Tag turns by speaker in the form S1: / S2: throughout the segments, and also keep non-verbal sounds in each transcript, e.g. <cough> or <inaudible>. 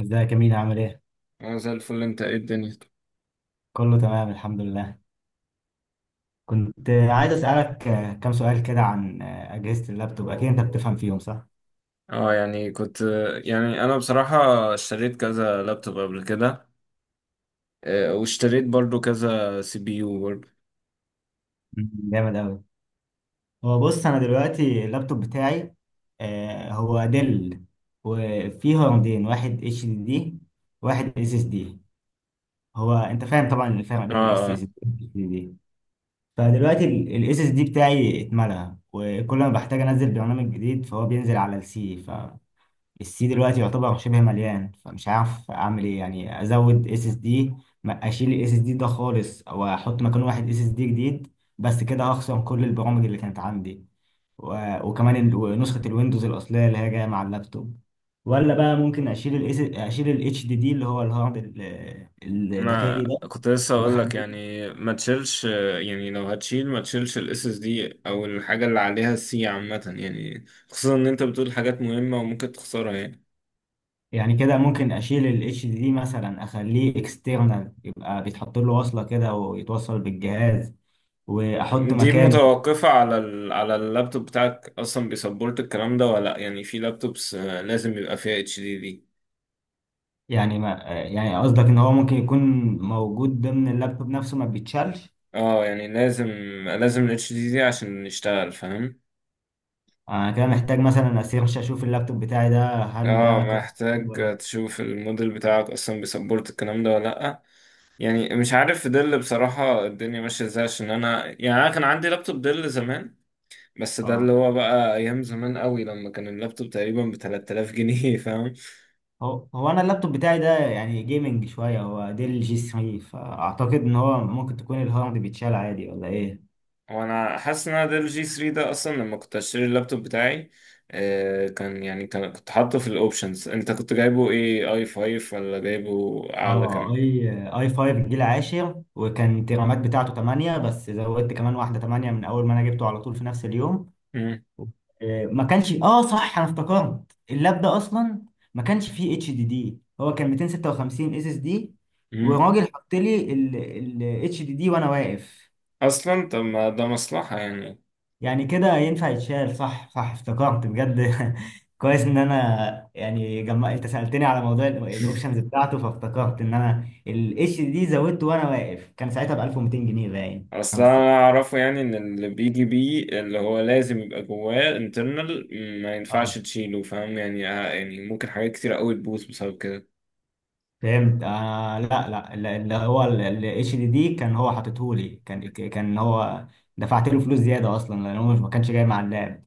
S1: ازيك يا مينا عامل ايه؟
S2: انا زي الفل. انت ايه الدنيا؟
S1: كله تمام الحمد لله. كنت عايز اسألك كام سؤال كده عن أجهزة اللابتوب، أكيد أنت بتفهم فيهم صح؟
S2: اه يعني كنت يعني انا بصراحة اشتريت كذا لابتوب قبل كده. واشتريت برضو كذا سي بي يو برضو.
S1: مم. جامد أوي. هو بص، أنا دلوقتي اللابتوب بتاعي هو ديل، وفيه هاردين، واحد اتش دي دي واحد اس اس دي. هو أنت فاهم طبعا الفرق
S2: اه.
S1: بين الاس
S2: اه.
S1: اس دي. فدلوقتي الاس اس دي بتاعي اتملى، وكل ما بحتاج انزل برنامج جديد فهو بينزل على السي. السي دلوقتي يعتبر شبه مليان، فمش عارف اعمل ايه، يعني ازود اس اس دي، اشيل الاس اس دي ده خالص او احط مكانه واحد اس اس دي جديد، بس كده هخسر كل البرامج اللي كانت عندي وكمان نسخة الويندوز الأصلية اللي هي جاية مع اللابتوب. ولا بقى ممكن أشيل ال HDD اللي هو الهارد
S2: ما
S1: الداخلي ده
S2: كنت لسه اقول لك،
S1: وأخليه-
S2: يعني ما تشيلش، يعني لو هتشيل ما تشيلش الاس اس دي او الحاجة اللي عليها السي، عامة يعني. خصوصا ان انت بتقول حاجات مهمة وممكن تخسرها يعني.
S1: يعني كده ممكن أشيل ال HDD مثلا أخليه external، يبقى بيتحط له وصلة كده ويتوصل بالجهاز وأحط
S2: دي
S1: مكانه.
S2: متوقفة على اللابتوب بتاعك اصلا، بيسبورت الكلام ده ولا لأ؟ يعني في لابتوبس، لازم يبقى فيها اتش دي.
S1: يعني ما يعني قصدك ان هو ممكن يكون موجود ضمن اللابتوب نفسه ما بيتشالش.
S2: اه، يعني لازم ال HDD عشان نشتغل، فاهم؟
S1: انا كده محتاج مثلا اسيرش اشوف اللابتوب بتاعي ده، هل
S2: اه،
S1: ده
S2: محتاج
S1: ولا.
S2: تشوف الموديل بتاعك اصلا بيسبورت الكلام ده ولا لأ. يعني مش عارف في دل بصراحة، الدنيا ماشية ازاي؟ عشان انا كان عندي لابتوب دل زمان. بس ده اللي
S1: اه،
S2: هو بقى ايام زمان قوي، لما كان اللابتوب تقريبا ب 3000 جنيه <laughs> فاهم؟
S1: هو انا اللابتوب بتاعي ده يعني جيمنج شويه، هو ديل جي 3، فاعتقد ان هو ممكن تكون الهارد بيتشال عادي ولا ايه.
S2: وانا حاسس ان انا دل جي 3 ده اصلا، لما كنت اشتري اللابتوب بتاعي، آه، كان يعني كان كنت حاطه في الاوبشنز. انت كنت جايبه ايه، اي 5 ولا جايبه اعلى
S1: اه،
S2: كام؟
S1: اي 5 جيل عاشر، وكان الرامات بتاعته 8 بس زودت كمان واحده 8 من اول ما انا جبته على طول في نفس اليوم. ما كانش، اه صح، انا افتكرت اللاب ده اصلا ما كانش فيه اتش دي دي، هو كان 256 اس اس دي
S2: مم.
S1: وراجل حط لي الاتش دي دي وانا واقف.
S2: اصلا طب، ما ده مصلحة يعني.
S1: يعني كده ينفع يتشال. صح، صح، افتكرت بجد. <laughs> كويس ان انا يعني جمع انت سألتني على موضوع الاوبشنز
S2: <laughs>
S1: بتاعته، فافتكرت ان انا الاتش دي دي زودته وانا واقف كان ساعتها ب 1200 جنيه باين
S2: اصل
S1: خمس
S2: انا اعرفه يعني، ان اللي بيجي بيه اللي هو لازم يبقى جواه انترنال، ما
S1: سنين
S2: ينفعش تشيله، فاهم يعني؟ يعني ممكن حاجات كتير قوي تبوظ بسبب كده.
S1: فهمت. لا، لا، لا، اللي هو الاتش دي دي كان هو حاططهولي، كان هو دفعت له فلوس زياده اصلا لان هو مش، ما كانش جاي مع اللاب.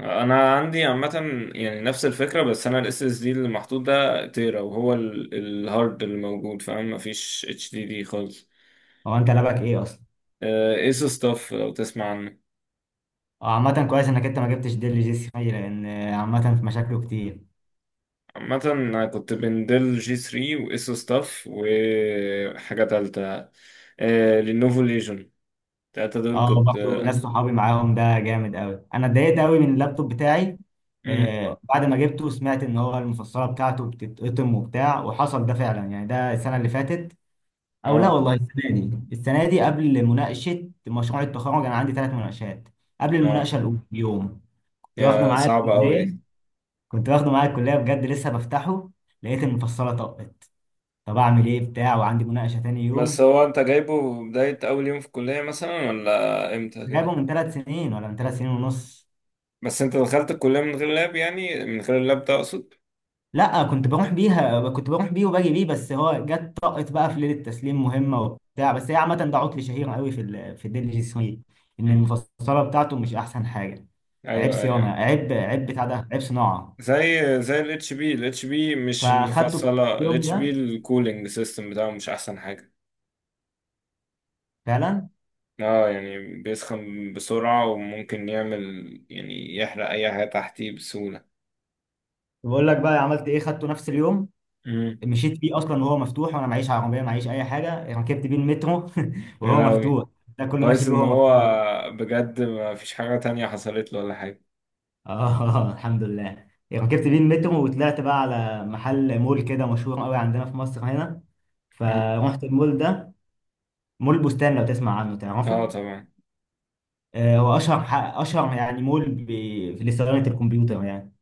S2: انا عندي عامة، يعني نفس الفكرة. بس انا الاس اس دي اللي محطوط ده تيرا، وهو الهارد اللي موجود، فاهم؟ مفيش اتش دي دي خالص.
S1: هو انت لعبك ايه اصلا.
S2: ايسو ستاف لو تسمع عنه.
S1: اه، عامه كويس انك انت ما جبتش ديل جي سي خمسة، لان عامه في مشاكله كتير.
S2: عامة أنا كنت بين ديل جي 3 وإيسو ستاف وحاجة تالتة، لينوفو ليجون. التلاتة دول
S1: اه،
S2: كنت
S1: برضه ناس
S2: آه
S1: صحابي معاهم، ده جامد قوي. انا اتضايقت قوي من اللابتوب بتاعي
S2: مم.
S1: بعد ما جبته، سمعت ان هو المفصله بتاعته بتتقطم وبتاع، وحصل ده فعلا يعني ده السنه اللي فاتت، او لا
S2: آه.
S1: والله السنه دي، السنه دي قبل مناقشه مشروع التخرج، انا عندي 3 مناقشات. قبل
S2: آه.
S1: المناقشه الاولى بيوم كنت واخده
S2: يا
S1: معايا
S2: صعبة أوي
S1: الكليه،
S2: دي.
S1: كنت واخده معايا الكليه بجد، لسه بفتحه لقيت المفصله طقت. طب اعمل ايه بتاع وعندي مناقشه تاني
S2: بس
S1: يوم.
S2: هو أنت جايبه بداية أول يوم في الكلية مثلا ولا إمتى كده؟
S1: جايبه من 3 سنين ولا من 3 سنين ونص.
S2: بس أنت دخلت الكلية من غير لاب، يعني من غير اللاب ده أقصد؟
S1: لا، كنت بروح بيها، كنت بروح بيه وباجي بيه، بس هو جت طقت بقى في ليله التسليم مهمه وبتاع. بس هي عامه ده عطل شهير قوي في الديل جي 3، ان
S2: مم.
S1: المفصله بتاعته مش احسن حاجه. عيب
S2: أيوه،
S1: صيانه،
S2: أيوه.
S1: عيب بتاع ده، عيب صناعه.
S2: زي زي ال اتش بي. مش
S1: فاخدته في
S2: المفصلة، ال
S1: اليوم
S2: اتش بي
S1: ده
S2: الكولينج سيستم بتاعه مش أحسن.
S1: فعلا.
S2: اه، يعني بيسخن بسرعة وممكن يعمل، يعني يحرق أي حاجة تحتيه بسهولة.
S1: بقول لك بقى عملت ايه، خدته نفس اليوم،
S2: امم.
S1: مشيت بيه اصلا وهو مفتوح، وانا معيش عربيه، معيش اي حاجه، يعني ركبت بيه المترو <laughs>
S2: يا
S1: وهو
S2: لهوي!
S1: مفتوح. ده كله ماشي
S2: كويس
S1: بيه
S2: إن
S1: وهو
S2: هو،
S1: مفتوح.
S2: بجد ما فيش حاجة تانية حصلت له ولا حاجة.
S1: اه <laughs> الحمد لله. ركبت بيه المترو وطلعت بقى على محل، مول كده مشهور قوي عندنا في مصر هنا،
S2: امم.
S1: فرحت المول ده. مول بستان، لو تسمع عنه
S2: اه،
S1: تعرفه.
S2: طبعا.
S1: هو اشهر اشهر يعني مول في صيانه الكمبيوتر يعني.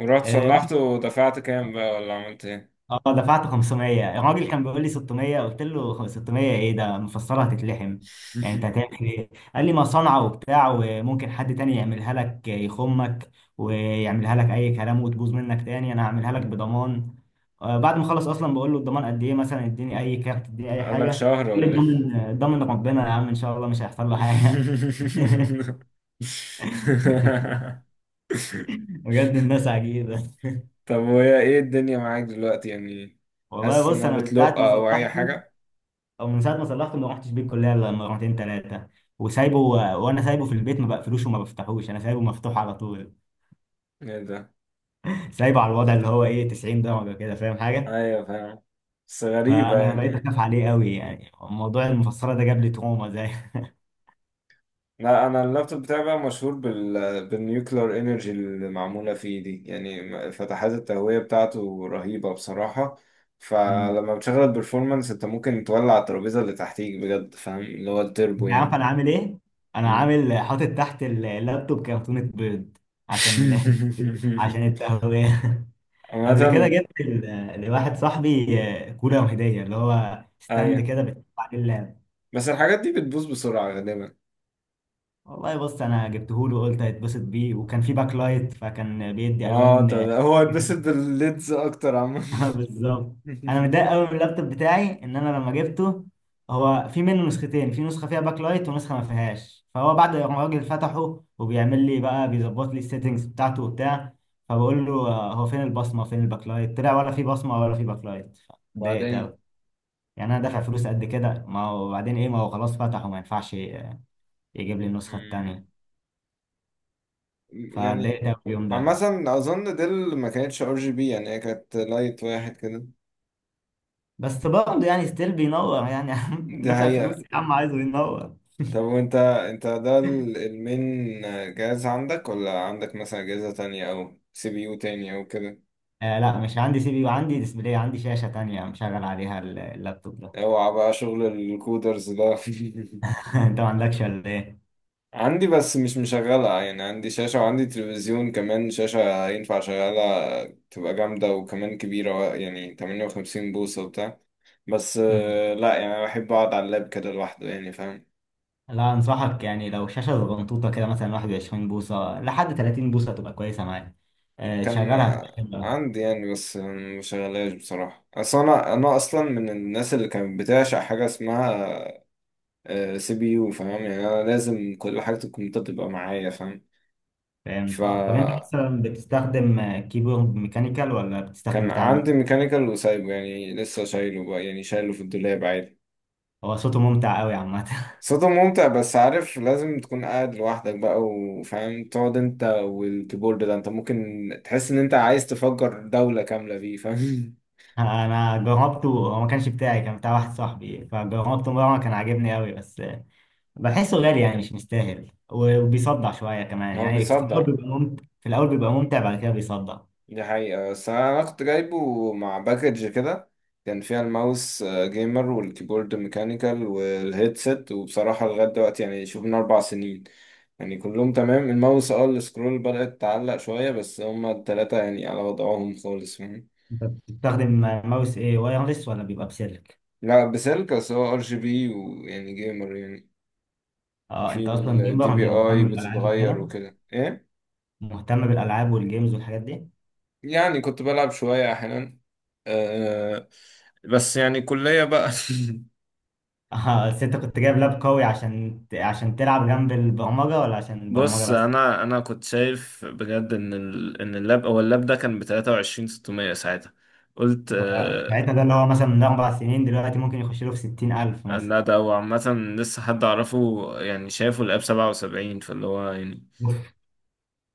S2: ورحت
S1: رحت.
S2: صلحته ودفعت كام بقى، ولا عملت ايه؟
S1: اه، دفعت 500، الراجل كان بيقول لي 600، قلت له 600 ايه ده، مفسره هتتلحم. يعني انت
S2: <laughs>
S1: هتعمل ايه، قال لي ما صنعه وبتاع، وممكن حد تاني يعملها لك يخمك ويعملها لك اي كلام وتبوظ منك تاني، انا هعملها لك بضمان. بعد ما خلص اصلا بقول له الضمان قد ايه مثلا، اديني اي كارت اديني اي
S2: قال لك
S1: حاجه، قال
S2: شهر
S1: لي
S2: ولا ايه؟
S1: الضامن ضامن ربنا يا عم، ان شاء الله مش هيحصل له حاجه. <laughs>
S2: <laughs>
S1: بجد الناس عجيبه.
S2: طب، وهي ايه الدنيا معاك دلوقتي يعني؟
S1: والله
S2: حاسس
S1: بص،
S2: انها
S1: انا من ساعه
S2: بتلق
S1: ما
S2: او اي
S1: صلحته،
S2: حاجة؟
S1: او من ساعه ما صلحته، ما رحتش بيه الكليه الا لما مرتين ثلاثه، وسايبه، وانا سايبه في البيت ما بقفلوش وما بفتحوش، انا سايبه مفتوح على طول.
S2: ايه ده؟
S1: سايبه على الوضع اللي هو ايه، 90 درجه كده، فاهم حاجه.
S2: ايوه، فاهم. بس غريبة
S1: فانا بقيت
S2: يعني.
S1: اخاف عليه قوي، يعني موضوع المفصله ده جاب لي تروما زي.
S2: لا، انا اللابتوب بتاعي بقى مشهور بالنيوكلير انرجي اللي معمولة فيه دي، يعني فتحات التهوية بتاعته رهيبة بصراحة.
S1: <laughs> مم.
S2: فلما بتشغل البرفورمانس انت ممكن تولع الترابيزة اللي تحتيك بجد، فاهم؟ اللي هو التربو
S1: انت عارف
S2: يعني.
S1: انا عامل ايه، انا
S2: مم.
S1: عامل حاطط تحت اللابتوب كرتونة بيض، عشان <laughs> عشان
S2: <laughs>
S1: التهوية. قبل كده
S2: عامة.
S1: جبت لواحد صاحبي كولر هدية، اللي هو ستاند
S2: ايوه،
S1: كده بتحط عليه اللاب.
S2: بس الحاجات دي بتبوظ بسرعة غالبا.
S1: والله بص، انا جبته له وقلت هيتبسط بيه، وكان في باك لايت فكان بيدي
S2: اه، ده
S1: الوان.
S2: ده هو
S1: <laughs>
S2: اتبسط بالليدز اكتر عامة.
S1: بالظبط. انا متضايق
S2: <laughs>
S1: قوي من اللابتوب بتاعي ان انا لما جبته، هو في منه نسختين، في نسخه فيها باك لايت ونسخه ما فيهاش، فهو بعد ما الراجل فتحه وبيعمل لي بقى بيظبط لي السيتنجز بتاعته وبتاع، فبقول له هو فين البصمه، فين الباك لايت، طلع ولا في بصمه ولا في باك لايت. اتضايقت
S2: وبعدين،
S1: قوي، يعني انا دافع فلوس قد كده، ما هو بعدين ايه، ما هو خلاص فتحه ما ينفعش يجيب لي النسخه التانيه.
S2: يعني،
S1: فاتضايقت قوي اليوم ده.
S2: عامة أظن ديل ما كانتش ار جي بي، يعني هي كانت لايت واحد كده.
S1: بس برضه يعني ستيل بينور يعني. <laughs>
S2: دي
S1: دافع فلوس
S2: حقيقة.
S1: يا عم، عايزه ينور.
S2: طب، وأنت أنت ده المين جهاز عندك، ولا عندك مثلا أجهزة تانية أو سي بي يو تاني أو كده؟
S1: لا، مش عندي سي بي يو، عندي ديسبلاي، عندي شاشة تانية مشغل عليها اللابتوب ده. <laughs>
S2: أوعى بقى شغل الكودرز ده.
S1: انت ما عندكش ولا ايه؟
S2: <laughs> عندي، بس مش مشغلة يعني. عندي شاشة وعندي تلفزيون كمان شاشة ينفع شغالة، تبقى جامدة وكمان كبيرة، يعني 58 بوصة وبتاع. بس
S1: مم.
S2: لا يعني، أنا بحب أقعد على اللاب كده لوحده، يعني فاهم؟
S1: لا، انصحك يعني لو شاشة صغنطوطة كده مثلا 21 بوصة لحد 30 بوصة تبقى كويسة معاك.
S2: كان
S1: تشغلها تشغلها.
S2: عندي، يعني، بس مشغلاش بصراحة. أصل أنا أصلا من الناس اللي كانت بتعشق حاجة اسمها سي بي يو، فاهم يعني؟ أنا لازم كل حاجة الكمبيوتر تبقى معايا، فاهم؟
S1: فهمت. اه، طب انت
S2: فكان
S1: مثلا بتستخدم كيبورد ميكانيكال ولا بتستخدم بتاع
S2: عندي ميكانيكال وسايبه، يعني لسه شايله بقى، يعني شايله في الدولاب عادي.
S1: هو صوته ممتع قوي عامة.
S2: صوته ممتع، بس عارف لازم تكون قاعد لوحدك بقى، وفاهم تقعد انت والكيبورد ده، انت ممكن تحس ان انت عايز تفجر دولة كاملة فيه، فاهم؟
S1: انا جربته، هو ما كانش بتاعي، كان بتاع واحد صاحبي فجربته مره، كان عاجبني قوي بس بحسه غالي يعني مش مستاهل، وبيصدع شويه
S2: <laughs>
S1: كمان
S2: هو
S1: يعني، في الاول
S2: بيصدع.
S1: بيبقى ممتع، في الاول بيبقى ممتع بعد كده بيصدع.
S2: دي حقيقة، بس أنا كنت جايبه مع باكج كده. كان فيها الماوس، جيمر، والكيبورد ميكانيكال، والهيدسيت. وبصراحة لغاية دلوقتي، يعني شوف، من 4 سنين. يعني كلهم تمام. الماوس السكرول بدأت تعلق شوية، بس هما التلاتة يعني على وضعهم خالص، فاهم؟
S1: انت بتستخدم ماوس ايه، وايرلس ولا بيبقى بسلك.
S2: لا، بسلك، بس هو ار جي بي ويعني جيمر يعني.
S1: اه،
S2: في
S1: انت اصلا
S2: الدي
S1: جيمر
S2: بي
S1: اللي
S2: اي
S1: مهتم بالالعاب
S2: بتتغير
S1: وكده،
S2: وكده ايه.
S1: مهتم بالالعاب والجيمز والحاجات دي.
S2: يعني كنت بلعب شوية أحيانا. أه. بس يعني كلية بقى. <laughs>
S1: <laughs> اه، بس انت كنت جايب لاب قوي، عشان تلعب جنب البرمجه ولا عشان البرمجه
S2: بص،
S1: بس.
S2: انا كنت شايف بجد ان اللاب او اللاب ده كان ب 23 600 ساعتها، قلت
S1: هو
S2: آه،
S1: ساعتها ده اللي هو مثلا من 4 سنين دلوقتي ممكن يخش له في 60000 مثلا.
S2: لا، ده هو عامة لسه حد اعرفه يعني شايفه اللاب 77. فاللي هو يعني،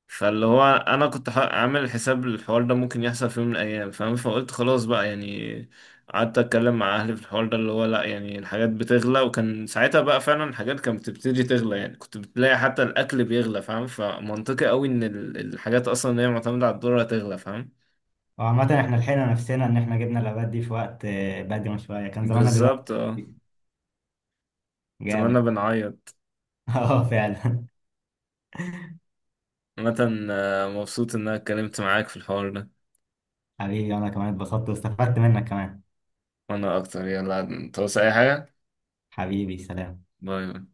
S2: فاللي هو انا كنت عامل حساب الحوار ده ممكن يحصل في يوم من الايام، فاهم؟ فقلت خلاص بقى، يعني قعدت اتكلم مع اهلي في الحوار ده، اللي هو لا يعني الحاجات بتغلى، وكان ساعتها بقى فعلا الحاجات كانت بتبتدي تغلى، يعني كنت بتلاقي حتى الاكل بيغلى، فاهم؟ فمنطقي قوي ان الحاجات اصلا اللي هي معتمدة على الدولار هتغلى، فاهم؟
S1: هو عامة احنا لحقنا نفسنا ان احنا جبنا العباد دي في وقت بدري شوية، كان زماننا دلوقتي
S2: بالظبط، اه. اتمنى
S1: جامد.
S2: بنعيط.
S1: <laughs> اه، فعلا.
S2: عامة مبسوط ان انا اتكلمت معاك في الحوار ده.
S1: حبيبي انا كمان اتبسطت واستفدت منك كمان.
S2: وانا اكتر. يلا، توصي اي حاجة؟
S1: حبيبي سلام.
S2: باي، باي.